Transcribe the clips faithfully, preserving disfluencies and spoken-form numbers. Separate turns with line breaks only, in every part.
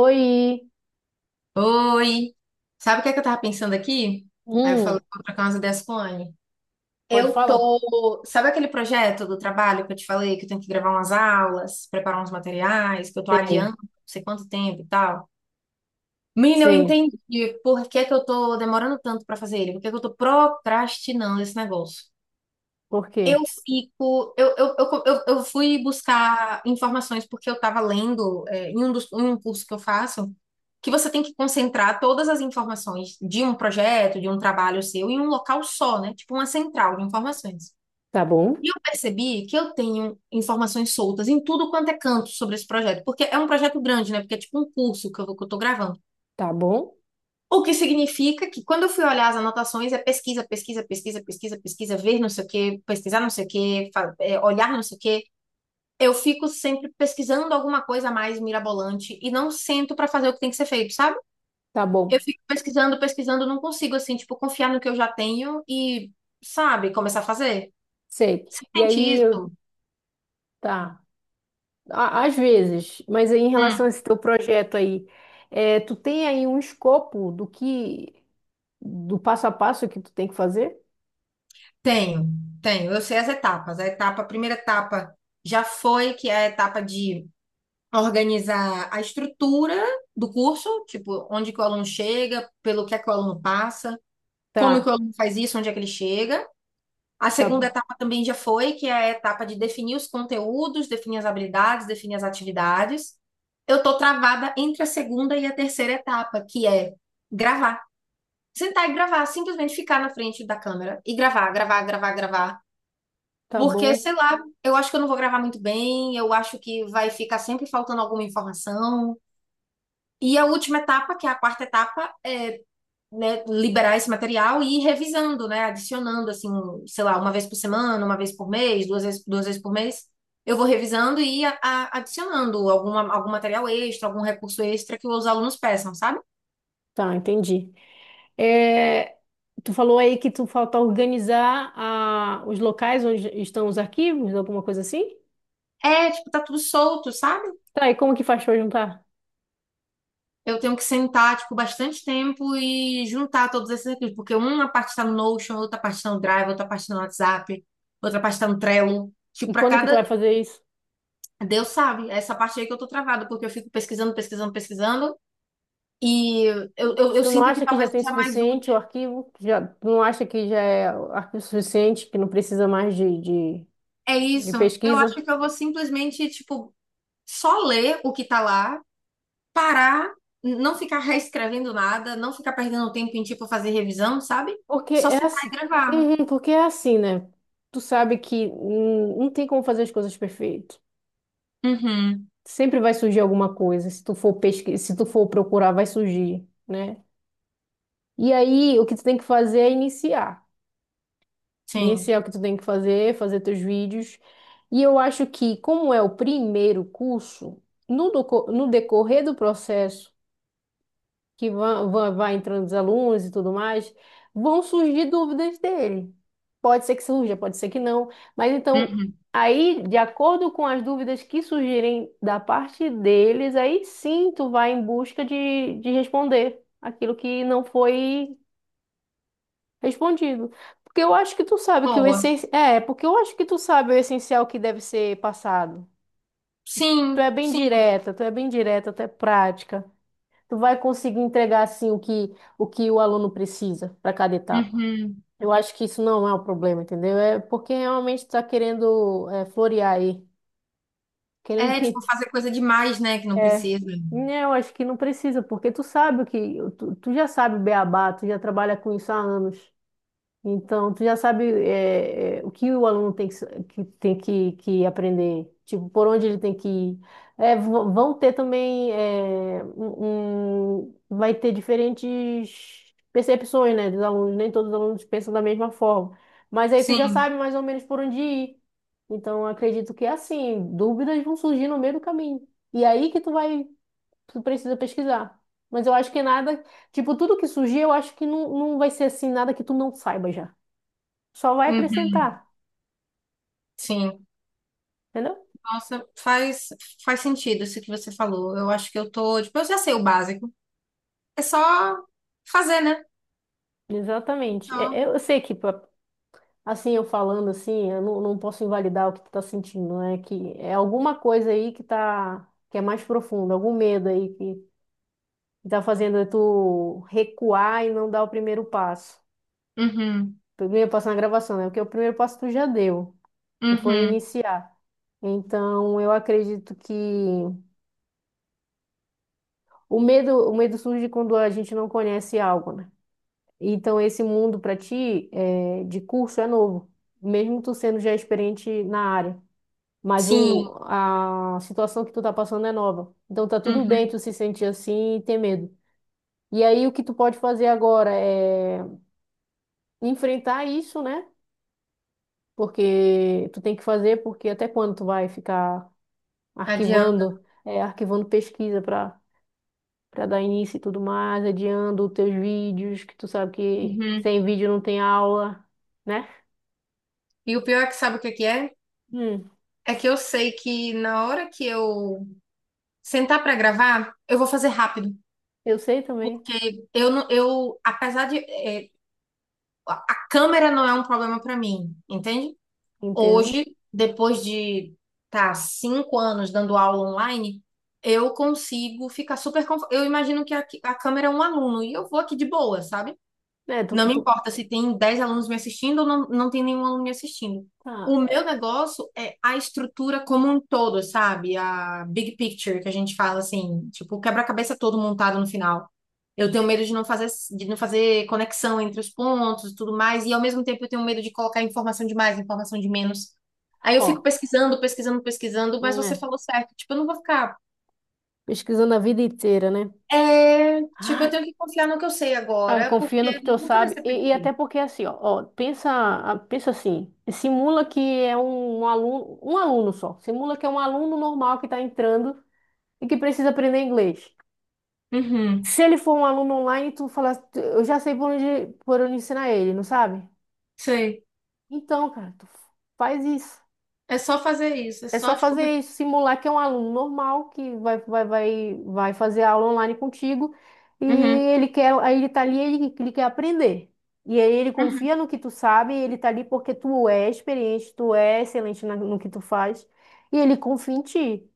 Oi.
Oi! Sabe o que é que eu tava pensando aqui? Aí eu falei,
Hum.
vou trocar umas ideias com a Anne.
Pode
Eu
falar?
tô. Sabe aquele projeto do trabalho que eu te falei que eu tenho que gravar umas aulas, preparar uns materiais, que eu tô
Sei,
adiando não sei quanto tempo e tal? Menina, eu
sei.
entendi por que que eu tô demorando tanto pra fazer ele, por que que eu tô procrastinando esse negócio.
Por quê?
Eu fico, eu, eu, eu, eu, eu fui buscar informações porque eu estava lendo, é, em um dos, em um curso que eu faço, que você tem que concentrar todas as informações de um projeto, de um trabalho seu, em um local só, né? Tipo uma central de informações.
Tá bom.
E eu percebi que eu tenho informações soltas em tudo quanto é canto sobre esse projeto, porque é um projeto grande, né? Porque é tipo um curso que eu, vou- que eu tô gravando.
Tá bom.
O que significa que quando eu fui olhar as anotações, é pesquisa, pesquisa, pesquisa, pesquisa, pesquisa, ver não sei o quê, pesquisar não sei o quê, é, olhar não sei o quê. Eu fico sempre pesquisando alguma coisa mais mirabolante e não sento pra fazer o que tem que ser feito, sabe?
Tá
Eu
bom.
fico pesquisando, pesquisando, não consigo, assim, tipo, confiar no que eu já tenho e, sabe, começar a fazer.
Sei. E
Sente
aí, eu-
isso?
tá. Á- às vezes, mas aí em relação a
Hum.
esse teu projeto aí, é, tu tem aí um escopo do que, do passo a passo que tu tem que fazer?
Tenho, tenho. Eu sei as etapas. A etapa, a primeira etapa já foi, que é a etapa de organizar a estrutura do curso, tipo, onde que o aluno chega, pelo que é que o aluno passa, como que o
Tá.
aluno faz isso, onde é que ele chega. A segunda
Tá.
etapa também já foi, que é a etapa de definir os conteúdos, definir as habilidades, definir as atividades. Eu tô travada entre a segunda e a terceira etapa, que é gravar. Sentar e gravar, simplesmente ficar na frente da câmera e gravar, gravar, gravar, gravar.
Tá
Porque,
bom.
sei lá, eu acho que eu não vou gravar muito bem, eu acho que vai ficar sempre faltando alguma informação. E a última etapa, que é a quarta etapa, é, né, liberar esse material e ir revisando, né, adicionando, assim, sei lá, uma vez por semana, uma vez por mês, duas vezes, duas vezes por mês. Eu vou revisando e a- a- adicionando alguma, algum material extra, algum recurso extra que os alunos peçam, sabe?
Tá, entendi. É, tu falou aí que tu falta organizar a, os locais onde estão os arquivos, alguma coisa assim?
É, tipo, tá tudo solto, sabe?
Tá, e como que faz pra juntar?
Eu tenho que sentar, tipo, bastante tempo e juntar todos esses recursos, porque uma parte tá no Notion, outra parte tá no Drive, outra parte tá no WhatsApp, outra parte tá no Trello. Tipo,
E
para
quando é que tu
cada.
vai fazer isso?
Deus sabe, é essa parte aí que eu tô travada, porque eu fico pesquisando, pesquisando, pesquisando, e eu, eu,
Mas
eu
tu não
sinto que
acha que já
talvez
tem
seja mais
suficiente
útil.
o arquivo? Já, tu não acha que já é arquivo suficiente, que não precisa mais de, de,
É
de
isso, eu acho
pesquisa?
que eu vou simplesmente, tipo, só ler o que tá lá, parar, n- não ficar reescrevendo nada, não ficar perdendo tempo em, tipo, fazer revisão, sabe?
Porque
Só
é
sentar
assim,
e gravar.
uhum, porque é assim, né? Tu sabe que hum, não tem como fazer as coisas perfeito.
Uhum,
Sempre vai surgir alguma coisa. Se tu for pesquisar, se tu for procurar, vai surgir, né? E aí, o que tu tem que fazer é iniciar. Esse
sim.
é o que tu tem que fazer, fazer teus vídeos. E eu acho que, como é o primeiro curso, no, doco- no decorrer do processo, que vão- vão- vai entrando os alunos e tudo mais, vão surgir dúvidas dele. Pode ser que surja, pode ser que não. Mas então,
Uhum.
aí, de acordo com as dúvidas que surgirem da parte deles, aí sim tu vai em busca de, de responder aquilo que não foi respondido. Porque eu acho que tu sabe que o
Boa.
essencial. É, porque eu acho que tu sabe o essencial que deve ser passado. Tu é
Sim,
bem
sim.
direta, tu é bem direta, tu é prática. Tu vai conseguir entregar assim o que o que o aluno precisa para cada etapa.
Uhum.
Eu acho que isso não é o problema, entendeu? É porque realmente tu tá querendo é, florear aí, querendo
É, tipo,
pin-
fazer coisa demais, né, que não
é.
precisa.
Não, acho que não precisa, porque tu sabe o que tu, tu já sabe o beabá, tu já trabalha com isso há anos. Então, tu já sabe é, é, o que o aluno tem que, sa- que tem que, que aprender, tipo, por onde ele tem que ir. É, v- vão ter também, é, um, um- vai ter diferentes percepções, né, dos alunos. Nem todos os alunos pensam da mesma forma. Mas aí tu já
Sim.
sabe mais ou menos por onde ir. Então, eu acredito que é assim, dúvidas vão surgir no meio do caminho. E aí que tu vai, tu precisa pesquisar. Mas eu acho que nada, tipo, tudo que surgir, eu acho que não, não vai ser assim, nada que tu não saiba já. Só vai
Uhum.
acrescentar,
Sim.
entendeu?
Nossa, faz, faz sentido isso que você falou. Eu acho que eu tô, tipo, eu já sei o básico. É só fazer, né?
Exatamente.
Só.
É- é- Eu sei que, pra- assim, eu falando assim, eu não, não posso invalidar o que tu tá sentindo, né? Que é alguma coisa aí que tá, que é mais profunda, algum medo aí que, que tá fazendo tu recuar e não dar o primeiro passo.
Uhum,
O primeiro passo na gravação, né? Porque o primeiro passo tu já deu, que foi
uhum.
iniciar. Então, eu acredito que o medo, o medo surge quando a gente não conhece algo, né? Então, esse mundo para ti é, de curso é novo, mesmo tu sendo já experiente na área. Mas
Sim,
o, a situação que tu tá passando é nova. Então tá tudo bem
uhum.
tu se sentir assim e ter medo. E aí o que tu pode fazer agora é enfrentar isso, né? Porque tu tem que fazer, porque até quando tu vai ficar
Adianta.
arquivando, é, arquivando pesquisa para para dar início e tudo mais, adiando os teus vídeos, que tu sabe que
Uhum.
sem vídeo não tem aula, né?
E o pior é que sabe o que que é?
Hum.
É que eu sei que na hora que eu sentar pra gravar, eu vou fazer rápido.
Eu sei também,
Porque eu não, eu, apesar de, eh, a câmera não é um problema pra mim, entende?
entendo.
Hoje, depois de tá cinco anos dando aula online, eu consigo ficar super confortável. Eu imagino que a, a câmera é um aluno e eu vou aqui de boa, sabe?
É, tu,
Não me
tu-
importa se tem dez alunos me assistindo ou não, não tem nenhum aluno me assistindo.
tá,
O
é,
meu negócio é a estrutura como um todo, sabe? A big picture que a gente fala assim, tipo, o quebra-cabeça todo montado no final. Eu tenho medo de não fazer, de não fazer conexão entre os pontos e tudo mais, e ao mesmo tempo eu tenho medo de colocar informação de mais, informação de menos. Aí eu fico
ó,
pesquisando, pesquisando, pesquisando, mas você
né,
falou certo, tipo, eu não vou ficar.
pesquisando a vida inteira, né?
É, tipo, eu
Ai,
tenho que confiar no que eu sei
ah,
agora,
confia
porque
no que tu
nunca vai
sabe.
ser
E, e até
perfeito.
porque assim, ó, ó, pensa, ah, pensa assim, simula que é um, um aluno, um aluno só. Simula que é um aluno normal que está entrando e que precisa aprender inglês.
Uhum,
Se ele for um aluno online, tu fala, eu já sei por onde, por onde, ensinar ele, não sabe?
sei.
Então, cara, tu faz isso.
É só fazer isso, é
É só
só tipo.
fazer isso, simular que é um aluno normal que vai, vai, vai, vai fazer aula online contigo e
Uhum,
ele quer, aí ele tá ali, ele, ele quer aprender. E aí ele
uhum,
confia no que tu sabe, e ele tá ali porque tu é experiente, tu é excelente na- no que tu faz e ele confia em ti.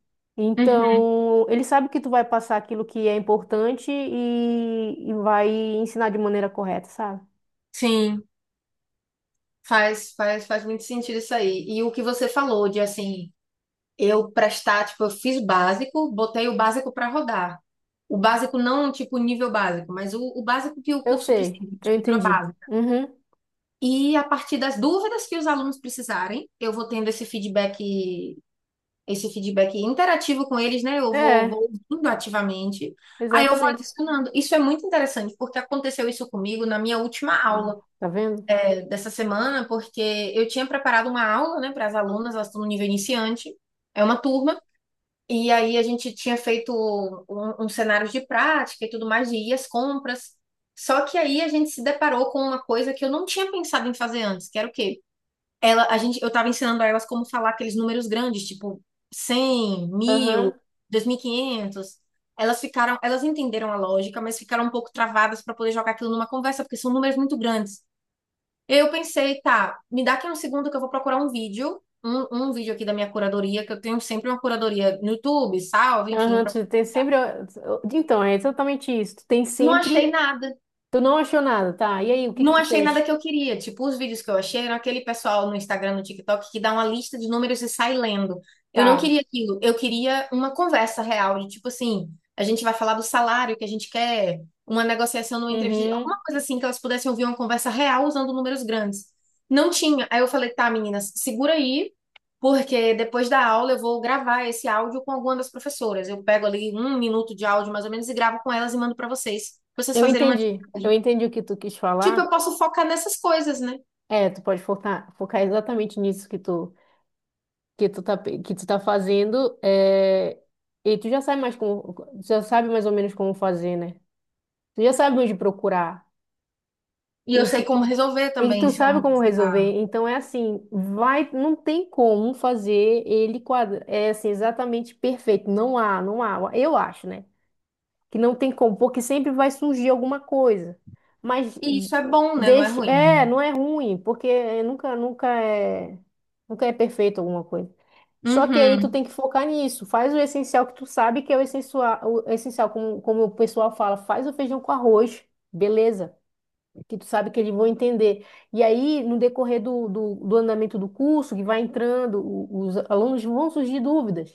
uhum.
Então, ele sabe que tu vai passar aquilo que é importante e, e vai ensinar de maneira correta, sabe?
Sim, faz, faz, faz muito sentido isso aí. E o que você falou de assim, eu prestar, tipo, eu fiz o básico, botei o básico para rodar. O básico não, tipo, nível básico, mas o, o básico que o
Eu
curso
sei,
precisa,
eu
estrutura
entendi.
básica.
Uhum.
E a partir das dúvidas que os alunos precisarem, eu vou tendo esse feedback esse feedback interativo com eles, né? Eu vou,
É,
vou ouvindo ativamente, aí eu vou
exatamente.
adicionando. Isso é muito interessante, porque aconteceu isso comigo na minha última
Ó,
aula
tá vendo?
eh, dessa semana, porque eu tinha preparado uma aula, né, para as alunas, elas estão no nível iniciante, é uma turma. E aí a gente tinha feito um, um cenário de prática e tudo mais, de ir às compras. Só que aí a gente se deparou com uma coisa que eu não tinha pensado em fazer antes, que era o quê? Ela, a gente, eu tava ensinando a elas como falar aqueles números grandes, tipo
Aham.
cem, mil, quinhentos. Elas ficaram, elas entenderam a lógica, mas ficaram um pouco travadas para poder jogar aquilo numa conversa, porque são números muito grandes. Eu pensei, tá, me dá aqui um segundo que eu vou procurar um vídeo, um, um vídeo aqui da minha curadoria, que eu tenho sempre uma curadoria no YouTube, salve, enfim.
Aham,
pra-
tu tem sempre. Então, é exatamente isso. Tu tem
Não achei
sempre.
nada.
Tu não achou nada, tá? E aí, o que que
Não
tu
achei nada
fez?
que eu queria. Tipo, os vídeos que eu achei eram aquele pessoal no Instagram, no TikTok, que dá uma lista de números e sai lendo. Eu não
Tá.
queria aquilo. Eu queria uma conversa real, de tipo assim, a gente vai falar do salário que a gente quer, uma negociação numa entrevista,
Uhum.
alguma coisa assim, que elas pudessem ouvir uma conversa real usando números grandes. Não tinha. Aí eu falei, tá, meninas, segura aí, porque depois da aula eu vou gravar esse áudio com alguma das professoras. Eu pego ali um minuto de áudio, mais ou menos, e gravo com elas e mando para vocês, pra vocês
Eu
fazerem uma
entendi. Eu
atividade.
entendi o que tu quis
Tipo, eu
falar.
posso focar nessas coisas, né?
É, tu pode focar, focar exatamente nisso que tu, que tu tá, pe- que tu tá fazendo. É... E tu já sabe mais como, tu já sabe mais ou menos como fazer, né? Tu já sabe onde procurar.
E eu sei como resolver
E
também,
tu
se eu
sabe
não
como
precisar.
resolver? Então é assim, vai, não tem como fazer ele quadra, é assim, exatamente perfeito. Não há, não há. Eu acho, né? Que não tem como, porque sempre vai surgir alguma coisa. Mas
E isso é bom, né? Não é
deixa,
ruim.
é, não é ruim, porque nunca, nunca é, nunca é perfeito alguma coisa. Só que aí tu
Uhum.
tem que focar nisso. Faz o essencial que tu sabe que é o essencial, o essencial como, como o pessoal fala, faz o feijão com arroz, beleza? Que tu sabe que eles vão entender. E aí, no decorrer do, do, do andamento do curso, que vai entrando, o- os alunos vão surgir dúvidas.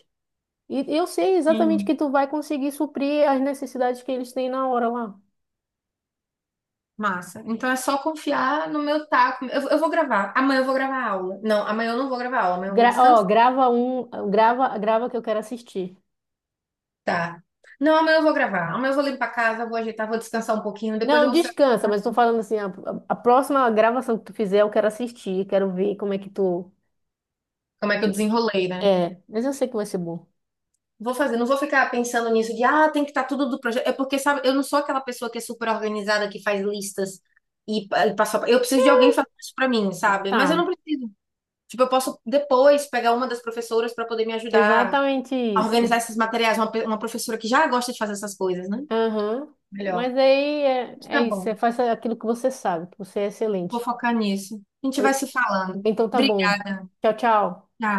E eu sei exatamente
Sim.
que tu vai conseguir suprir as necessidades que eles têm na hora lá.
Massa. Então é só confiar no meu taco. Eu, eu vou gravar. Amanhã eu vou gravar aula. Não, amanhã eu não vou gravar aula. Amanhã eu vou
Gra- ó,
descansar.
grava um, grava, grava que eu quero assistir.
Não, amanhã eu vou gravar. Amanhã eu vou limpar a casa, vou ajeitar, vou descansar um pouquinho. Depois
Não,
eu vou ser.
descansa, mas estou falando assim, a, a- a próxima gravação que tu fizer, eu quero assistir, quero ver como é que tu.
Como é que eu
que-
desenrolei, né?
É, mas eu sei que vai ser bom.
Vou fazer, não vou ficar pensando nisso de, ah, tem que estar tudo do projeto. É porque, sabe, eu não sou aquela pessoa que é super organizada, que faz listas e, pa- e passa. Eu preciso de alguém fazer isso pra mim, sabe? Mas eu
Tá,
não preciso. Tipo, eu posso depois pegar uma das professoras pra poder me ajudar
exatamente
a organizar
isso.
esses materiais. Uma, pe- uma professora que já gosta de fazer essas coisas, né?
Aham.
Melhor.
Mas aí é, é
Fica
isso,
bom.
você faz aquilo que você sabe, que você é
Vou
excelente.
focar nisso. A gente vai se falando.
Então tá bom.
Obrigada.
Tchau, tchau.